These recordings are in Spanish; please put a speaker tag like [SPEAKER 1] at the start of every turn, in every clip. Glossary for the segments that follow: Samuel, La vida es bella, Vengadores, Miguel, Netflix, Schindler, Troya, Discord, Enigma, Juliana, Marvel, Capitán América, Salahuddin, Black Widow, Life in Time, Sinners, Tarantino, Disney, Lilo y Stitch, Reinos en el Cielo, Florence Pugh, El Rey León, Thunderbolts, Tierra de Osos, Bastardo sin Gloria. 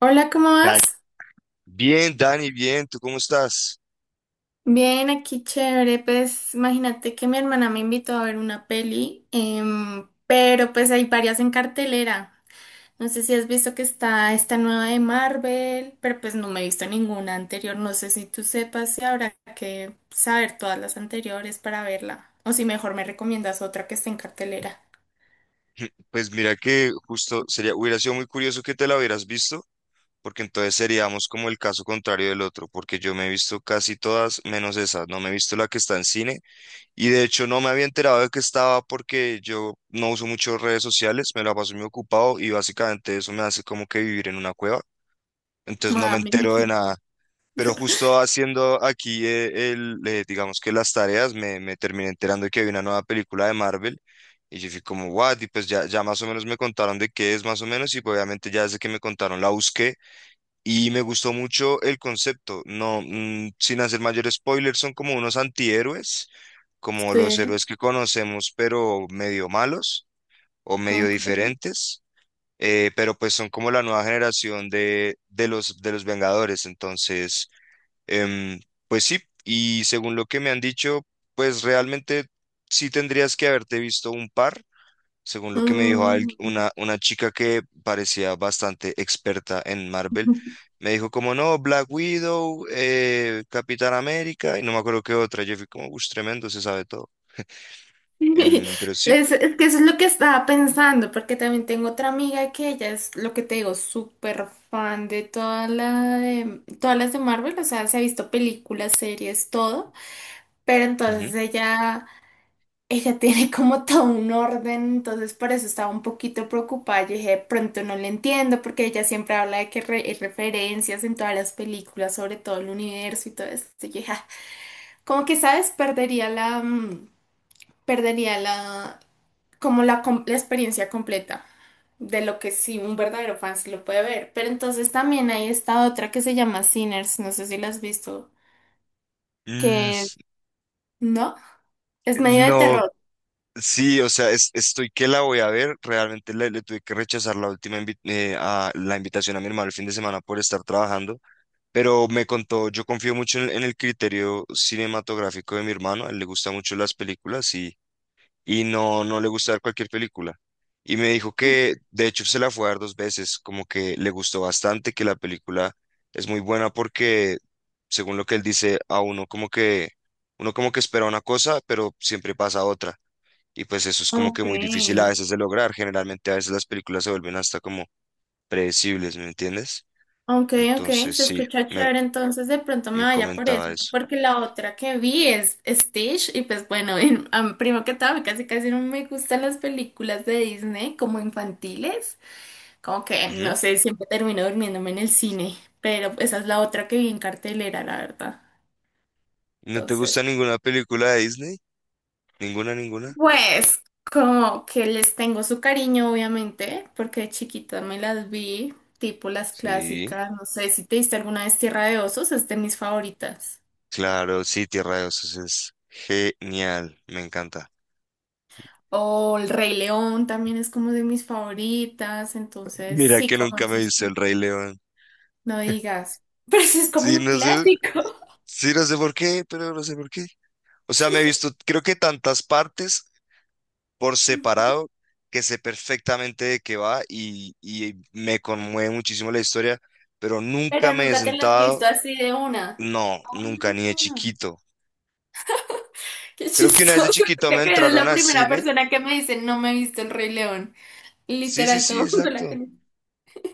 [SPEAKER 1] Hola, ¿cómo vas?
[SPEAKER 2] Dan- Bien, Dani, bien, ¿tú cómo estás?
[SPEAKER 1] Bien, aquí chévere. Pues imagínate que mi hermana me invitó a ver una peli, pero pues hay varias en cartelera. No sé si has visto que está esta nueva de Marvel, pero pues no me he visto ninguna anterior. No sé si tú sepas si habrá que saber todas las anteriores para verla, o si mejor me recomiendas otra que esté en cartelera.
[SPEAKER 2] Pues mira que justo sería, hubiera sido muy curioso que te la hubieras visto, porque entonces seríamos como el caso contrario del otro, porque yo me he visto casi todas menos esa, no me he visto la que está en cine, y de hecho no me había enterado de que estaba porque yo no uso mucho redes sociales, me la paso muy ocupado y básicamente eso me hace como que vivir en una cueva, entonces no me
[SPEAKER 1] Ah, me
[SPEAKER 2] entero de
[SPEAKER 1] imagino.
[SPEAKER 2] nada. Pero justo haciendo aquí digamos que las tareas, me terminé enterando de que había una nueva película de Marvel. Y yo fui como, what? Y pues ya más o menos me contaron de qué es más o menos. Y pues obviamente ya desde que me contaron la busqué. Y me gustó mucho el concepto. No, sin hacer mayor spoiler, son como unos antihéroes, como los
[SPEAKER 1] Sí,
[SPEAKER 2] héroes que conocemos, pero medio malos o medio
[SPEAKER 1] ok.
[SPEAKER 2] diferentes. Pero pues son como la nueva generación de, de los Vengadores. Entonces Em, pues sí, y según lo que me han dicho, pues realmente sí tendrías que haberte visto un par, según lo que me dijo
[SPEAKER 1] Mm.
[SPEAKER 2] una chica que parecía bastante experta en Marvel. Me dijo como, no, Black Widow, Capitán América, y no me acuerdo qué otra. Yo fui como, uff, tremendo, se sabe todo. Pero sí.
[SPEAKER 1] Es que eso es lo que estaba pensando, porque también tengo otra amiga que ella es lo que te digo, súper fan de todas las de Marvel, o sea, se ha visto películas, series, todo, pero entonces
[SPEAKER 2] Ujú.
[SPEAKER 1] ella tiene como todo un orden, entonces por eso estaba un poquito preocupada. Yo dije, "De pronto no le entiendo, porque ella siempre habla de que hay referencias en todas las películas, sobre todo el universo y todo eso". Y yo dije, "Ah, como que, ¿sabes? Perdería perdería la la experiencia completa de lo que sí un verdadero fan sí lo puede ver". Pero entonces también hay esta otra que se llama Sinners, no sé si la has visto,
[SPEAKER 2] Mm,
[SPEAKER 1] que no, es medio de
[SPEAKER 2] no.
[SPEAKER 1] terror.
[SPEAKER 2] Sí, o sea, estoy que la voy a ver. Realmente le tuve que rechazar la última la invitación a mi hermano el fin de semana por estar trabajando, pero me contó, yo confío mucho en el criterio cinematográfico de mi hermano, a él le gustan mucho las películas y no, no le gusta ver cualquier película. Y me dijo que, de hecho, se la fue a ver dos veces, como que le gustó bastante, que la película es muy buena porque, según lo que él dice, a uno como que espera una cosa, pero siempre pasa otra. Y pues eso es como que
[SPEAKER 1] Ok.
[SPEAKER 2] muy difícil a veces de lograr. Generalmente a veces las películas se vuelven hasta como predecibles, ¿me entiendes?
[SPEAKER 1] Ok, ok,
[SPEAKER 2] Entonces
[SPEAKER 1] se
[SPEAKER 2] sí,
[SPEAKER 1] escucha
[SPEAKER 2] me,
[SPEAKER 1] chévere, entonces de pronto me
[SPEAKER 2] me
[SPEAKER 1] vaya por
[SPEAKER 2] comentaba
[SPEAKER 1] eso,
[SPEAKER 2] eso.
[SPEAKER 1] porque la otra que vi es Stitch y pues bueno, primero que todo, a mí casi casi no me gustan las películas de Disney como infantiles. Como que, no
[SPEAKER 2] Ujú.
[SPEAKER 1] sé, siempre termino durmiéndome en el cine, pero esa es la otra que vi en cartelera, la verdad.
[SPEAKER 2] ¿No te
[SPEAKER 1] Entonces,
[SPEAKER 2] gusta ninguna película de Disney? ¿Ninguna, ninguna?
[SPEAKER 1] pues, como que les tengo su cariño, obviamente, porque de chiquita me las vi, tipo las
[SPEAKER 2] Sí,
[SPEAKER 1] clásicas, no sé si te diste alguna vez Tierra de Osos, es de mis favoritas.
[SPEAKER 2] claro, sí, Tierra de Osos es genial, me encanta.
[SPEAKER 1] O El Rey León también es como de mis favoritas, entonces,
[SPEAKER 2] Mira
[SPEAKER 1] sí,
[SPEAKER 2] que
[SPEAKER 1] como
[SPEAKER 2] nunca me he
[SPEAKER 1] esas,
[SPEAKER 2] visto El Rey León.
[SPEAKER 1] no digas, pero sí es como
[SPEAKER 2] Sí,
[SPEAKER 1] un
[SPEAKER 2] no sé,
[SPEAKER 1] clásico,
[SPEAKER 2] sí, no sé por qué, pero no sé por qué. O sea, me he visto creo que tantas partes por separado, que sé perfectamente de qué va y me conmueve muchísimo la historia, pero nunca
[SPEAKER 1] pero
[SPEAKER 2] me he
[SPEAKER 1] nunca te las has visto
[SPEAKER 2] sentado,
[SPEAKER 1] así de una.
[SPEAKER 2] no,
[SPEAKER 1] Ah.
[SPEAKER 2] nunca, ni de chiquito.
[SPEAKER 1] Qué
[SPEAKER 2] Creo que una vez de
[SPEAKER 1] chistoso.
[SPEAKER 2] chiquito me
[SPEAKER 1] Creo que eres
[SPEAKER 2] entraron
[SPEAKER 1] la
[SPEAKER 2] al
[SPEAKER 1] primera
[SPEAKER 2] cine.
[SPEAKER 1] persona que me dice no me he visto el Rey León.
[SPEAKER 2] Sí, sí,
[SPEAKER 1] Literal,
[SPEAKER 2] sí,
[SPEAKER 1] todo el mundo
[SPEAKER 2] exacto.
[SPEAKER 1] la conoce.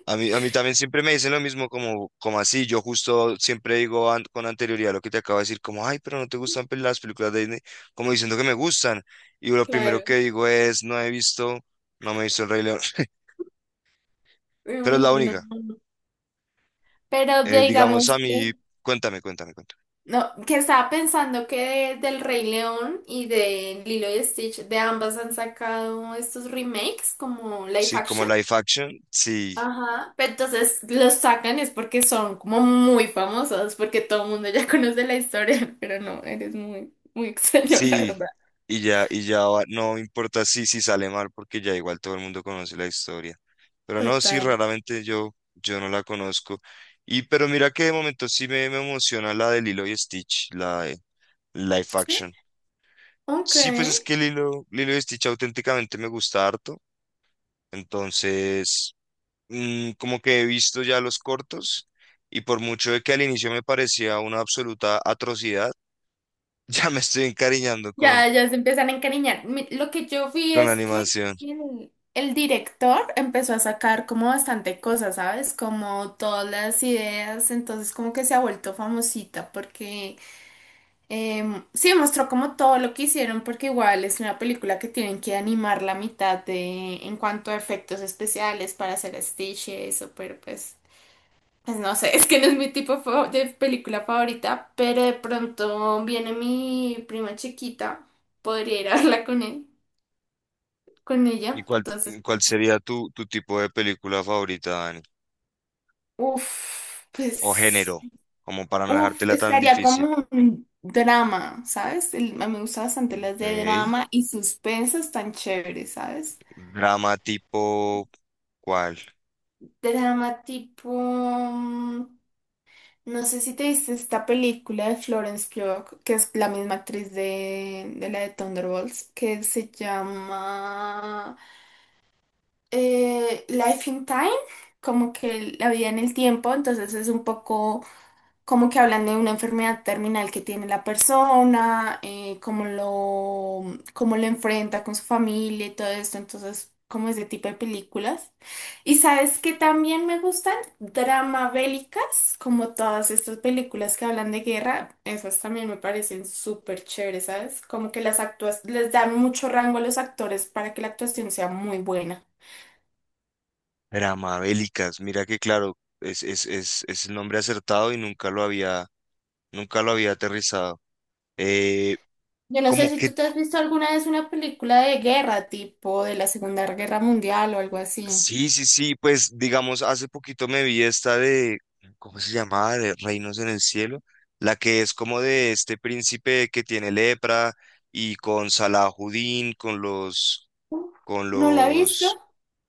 [SPEAKER 2] A mí también siempre me dicen lo mismo, como, como así. Yo justo siempre digo con anterioridad lo que te acabo de decir, como, ay, pero no te gustan las películas de Disney, como diciendo que me gustan. Y lo primero
[SPEAKER 1] Claro.
[SPEAKER 2] que digo es, no he visto, no me he visto El Rey León, pero es
[SPEAKER 1] Ay,
[SPEAKER 2] la
[SPEAKER 1] no.
[SPEAKER 2] única.
[SPEAKER 1] Pero
[SPEAKER 2] Digamos
[SPEAKER 1] digamos
[SPEAKER 2] a mí,
[SPEAKER 1] que,
[SPEAKER 2] cuéntame, cuéntame, cuéntame.
[SPEAKER 1] no, que estaba pensando que del Rey León y de Lilo y Stitch, de ambas han sacado estos remakes como live
[SPEAKER 2] Sí, como
[SPEAKER 1] action.
[SPEAKER 2] live action, sí,
[SPEAKER 1] Ajá. Pero entonces los sacan es porque son como muy famosos, porque todo el mundo ya conoce la historia, pero no, eres muy, muy extraño, la
[SPEAKER 2] sí,
[SPEAKER 1] verdad.
[SPEAKER 2] y ya no importa si, si sale mal, porque ya igual todo el mundo conoce la historia. Pero no, sí,
[SPEAKER 1] Total.
[SPEAKER 2] raramente yo, yo no la conozco. Y pero mira que de momento sí me emociona la de Lilo y Stitch, la de live
[SPEAKER 1] Sí.
[SPEAKER 2] action.
[SPEAKER 1] Ok.
[SPEAKER 2] Sí, pues es que Lilo y Stitch auténticamente me gusta harto. Entonces, como que he visto ya los cortos y por mucho de que al inicio me parecía una absoluta atrocidad, ya me estoy encariñando
[SPEAKER 1] Ya, ya se empiezan a encariñar. Lo que yo vi
[SPEAKER 2] con la
[SPEAKER 1] es que
[SPEAKER 2] animación.
[SPEAKER 1] el director empezó a sacar como bastante cosas, ¿sabes? Como todas las ideas, entonces como que se ha vuelto famosita porque sí mostró como todo lo que hicieron porque igual es una película que tienen que animar la mitad de en cuanto a efectos especiales para hacer Stitch y eso, pero pues... Pues no sé, es que no es mi de película favorita, pero de pronto viene mi prima chiquita, podría ir a verla con él, con
[SPEAKER 2] ¿Y
[SPEAKER 1] ella.
[SPEAKER 2] cuál,
[SPEAKER 1] Entonces,
[SPEAKER 2] ¿Cuál sería tu tipo de película favorita, Dani? O género,
[SPEAKER 1] pues,
[SPEAKER 2] como para no
[SPEAKER 1] uff,
[SPEAKER 2] dejártela tan
[SPEAKER 1] estaría
[SPEAKER 2] difícil.
[SPEAKER 1] como un drama, ¿sabes? A mí me gustan bastante las
[SPEAKER 2] Ok.
[SPEAKER 1] de drama y suspenso están chéveres, ¿sabes?
[SPEAKER 2] Drama tipo, ¿cuál?
[SPEAKER 1] Drama tipo no sé si te viste esta película de Florence Pugh, que es la misma actriz de la de Thunderbolts, que se llama Life in Time, como que la vida en el tiempo, entonces es un poco como que hablan de una enfermedad terminal que tiene la persona, cómo lo enfrenta con su familia y todo esto, entonces como ese tipo de películas. Y sabes que también me gustan drama bélicas, como todas estas películas que hablan de guerra, esas también me parecen súper chéveres, ¿sabes? Como que las actúas, les dan mucho rango a los actores para que la actuación sea muy buena.
[SPEAKER 2] Drama bélicas. Mira que claro, es el nombre acertado y nunca lo había, nunca lo había aterrizado. Eh,
[SPEAKER 1] Yo no sé
[SPEAKER 2] Como
[SPEAKER 1] si
[SPEAKER 2] qué.
[SPEAKER 1] tú te has visto alguna vez una película de guerra, tipo de la Segunda Guerra Mundial o algo así.
[SPEAKER 2] Sí, sí, sí, pues digamos, hace poquito me vi esta de, ¿cómo se llamaba? De Reinos en el Cielo, la que es como de este príncipe que tiene lepra y con Salahuddin,
[SPEAKER 1] Uh,
[SPEAKER 2] con
[SPEAKER 1] ¿No la ha visto?
[SPEAKER 2] los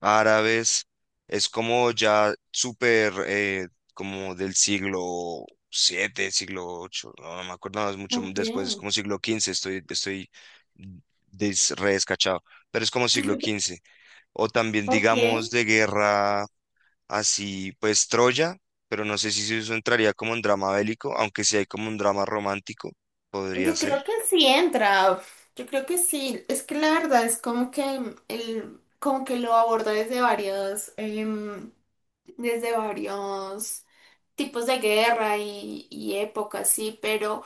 [SPEAKER 2] árabes, es como ya súper, como del siglo siete, siglo ocho. No, no me acuerdo, no, es mucho
[SPEAKER 1] Ok,
[SPEAKER 2] después, es como siglo quince. Estoy mm, re descachado, pero es como siglo quince o también
[SPEAKER 1] ok.
[SPEAKER 2] digamos de guerra así pues Troya, pero no sé si eso entraría como un drama bélico, aunque sí hay como un drama romántico, podría
[SPEAKER 1] Yo
[SPEAKER 2] ser.
[SPEAKER 1] creo que sí entra. Yo creo que sí. Es que la verdad es como que el, como que lo aborda desde varios, desde varios tipos de guerra y épocas, sí, pero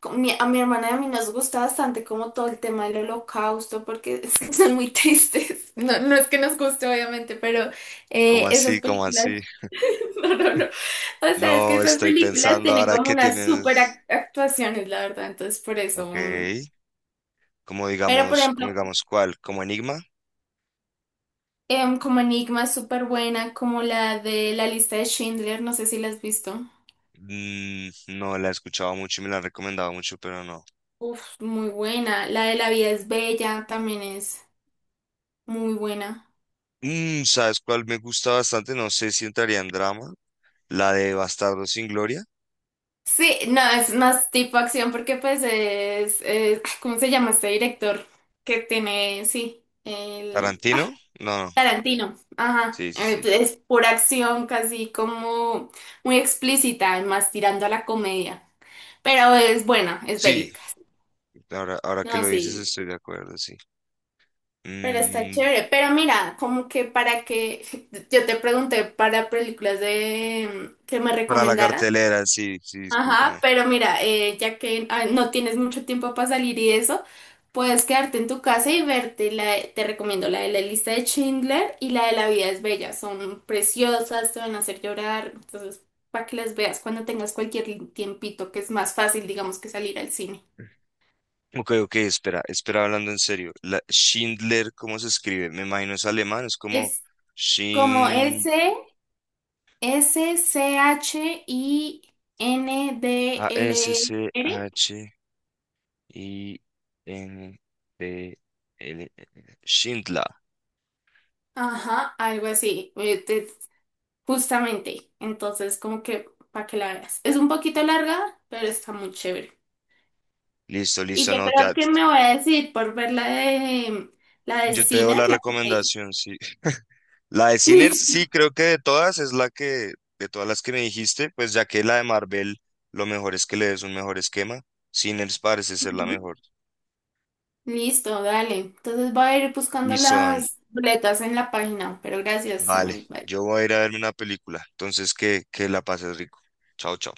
[SPEAKER 1] con a mi hermana y a mí nos gusta bastante como todo el tema del holocausto, porque son muy tristes. No, no es que nos guste, obviamente, pero
[SPEAKER 2] ¿Cómo
[SPEAKER 1] esas
[SPEAKER 2] así? ¿Cómo así?
[SPEAKER 1] películas. No, no, no. O sea, es que
[SPEAKER 2] No
[SPEAKER 1] esas
[SPEAKER 2] estoy
[SPEAKER 1] películas
[SPEAKER 2] pensando
[SPEAKER 1] tienen
[SPEAKER 2] ahora
[SPEAKER 1] como
[SPEAKER 2] que
[SPEAKER 1] unas super
[SPEAKER 2] tienes.
[SPEAKER 1] actuaciones, la verdad, entonces por eso.
[SPEAKER 2] Ok.
[SPEAKER 1] Mm. Pero por
[SPEAKER 2] Como
[SPEAKER 1] ejemplo,
[SPEAKER 2] digamos, ¿cuál? ¿Como Enigma?
[SPEAKER 1] como Enigma es súper buena, como la de la lista de Schindler, no sé si la has visto.
[SPEAKER 2] Mm, no la he escuchado mucho y me la han recomendado mucho, pero no.
[SPEAKER 1] Uf, muy buena. La de La vida es bella también es muy buena.
[SPEAKER 2] Mm, ¿sabes cuál me gusta bastante? No sé si entraría en drama. La de Bastardo sin Gloria.
[SPEAKER 1] Sí, no, es más tipo acción porque pues ¿cómo se llama este director? Que tiene, sí, el...
[SPEAKER 2] ¿Tarantino? No, no.
[SPEAKER 1] Tarantino, ajá,
[SPEAKER 2] Sí, sí, sí.
[SPEAKER 1] es por acción casi como muy explícita, más tirando a la comedia, pero es buena, es
[SPEAKER 2] Sí,
[SPEAKER 1] bélica.
[SPEAKER 2] ahora, ahora que
[SPEAKER 1] No,
[SPEAKER 2] lo dices,
[SPEAKER 1] sí,
[SPEAKER 2] estoy de acuerdo, sí.
[SPEAKER 1] pero está
[SPEAKER 2] Mm,
[SPEAKER 1] chévere. Pero mira, como que para que yo te pregunté para películas de que me
[SPEAKER 2] para la
[SPEAKER 1] recomendaras.
[SPEAKER 2] cartelera, sí, sí,
[SPEAKER 1] Ajá,
[SPEAKER 2] discúlpame.
[SPEAKER 1] pero mira, ya que ah, no tienes mucho tiempo para salir y eso, puedes quedarte en tu casa y verte te recomiendo la de la lista de Schindler y la de La vida es bella, son preciosas, te van a hacer llorar, entonces para que las veas cuando tengas cualquier tiempito, que es más fácil, digamos, que salir al cine.
[SPEAKER 2] Ok, ok, espera, espera, hablando en serio. La Schindler, ¿cómo se escribe? Me imagino es alemán, es como
[SPEAKER 1] Es como
[SPEAKER 2] Schind...
[SPEAKER 1] Schindler.
[SPEAKER 2] A-S-C-H-I-N-D-L. Schindler.
[SPEAKER 1] Ajá, algo así. Justamente, entonces como que para que la veas. Es un poquito larga, pero está muy chévere.
[SPEAKER 2] Listo,
[SPEAKER 1] Y
[SPEAKER 2] listo,
[SPEAKER 1] yo
[SPEAKER 2] no,
[SPEAKER 1] creo que me voy a decidir por ver la de
[SPEAKER 2] yo te doy la
[SPEAKER 1] Sinner, la que me dice.
[SPEAKER 2] recomendación, sí. La de Sinners, sí,
[SPEAKER 1] Listo.
[SPEAKER 2] creo que de todas es la que, de todas las que me dijiste, pues ya que la de Marvel, lo mejor es que le des un mejor esquema. Sinners parece ser la
[SPEAKER 1] Ujú.
[SPEAKER 2] mejor.
[SPEAKER 1] Listo, dale. Entonces voy a ir buscando
[SPEAKER 2] Y son,
[SPEAKER 1] las boletas en la página, pero gracias,
[SPEAKER 2] vale,
[SPEAKER 1] Samuel. Bye.
[SPEAKER 2] yo voy a ir a verme una película, entonces que la pases rico. Chao, chao.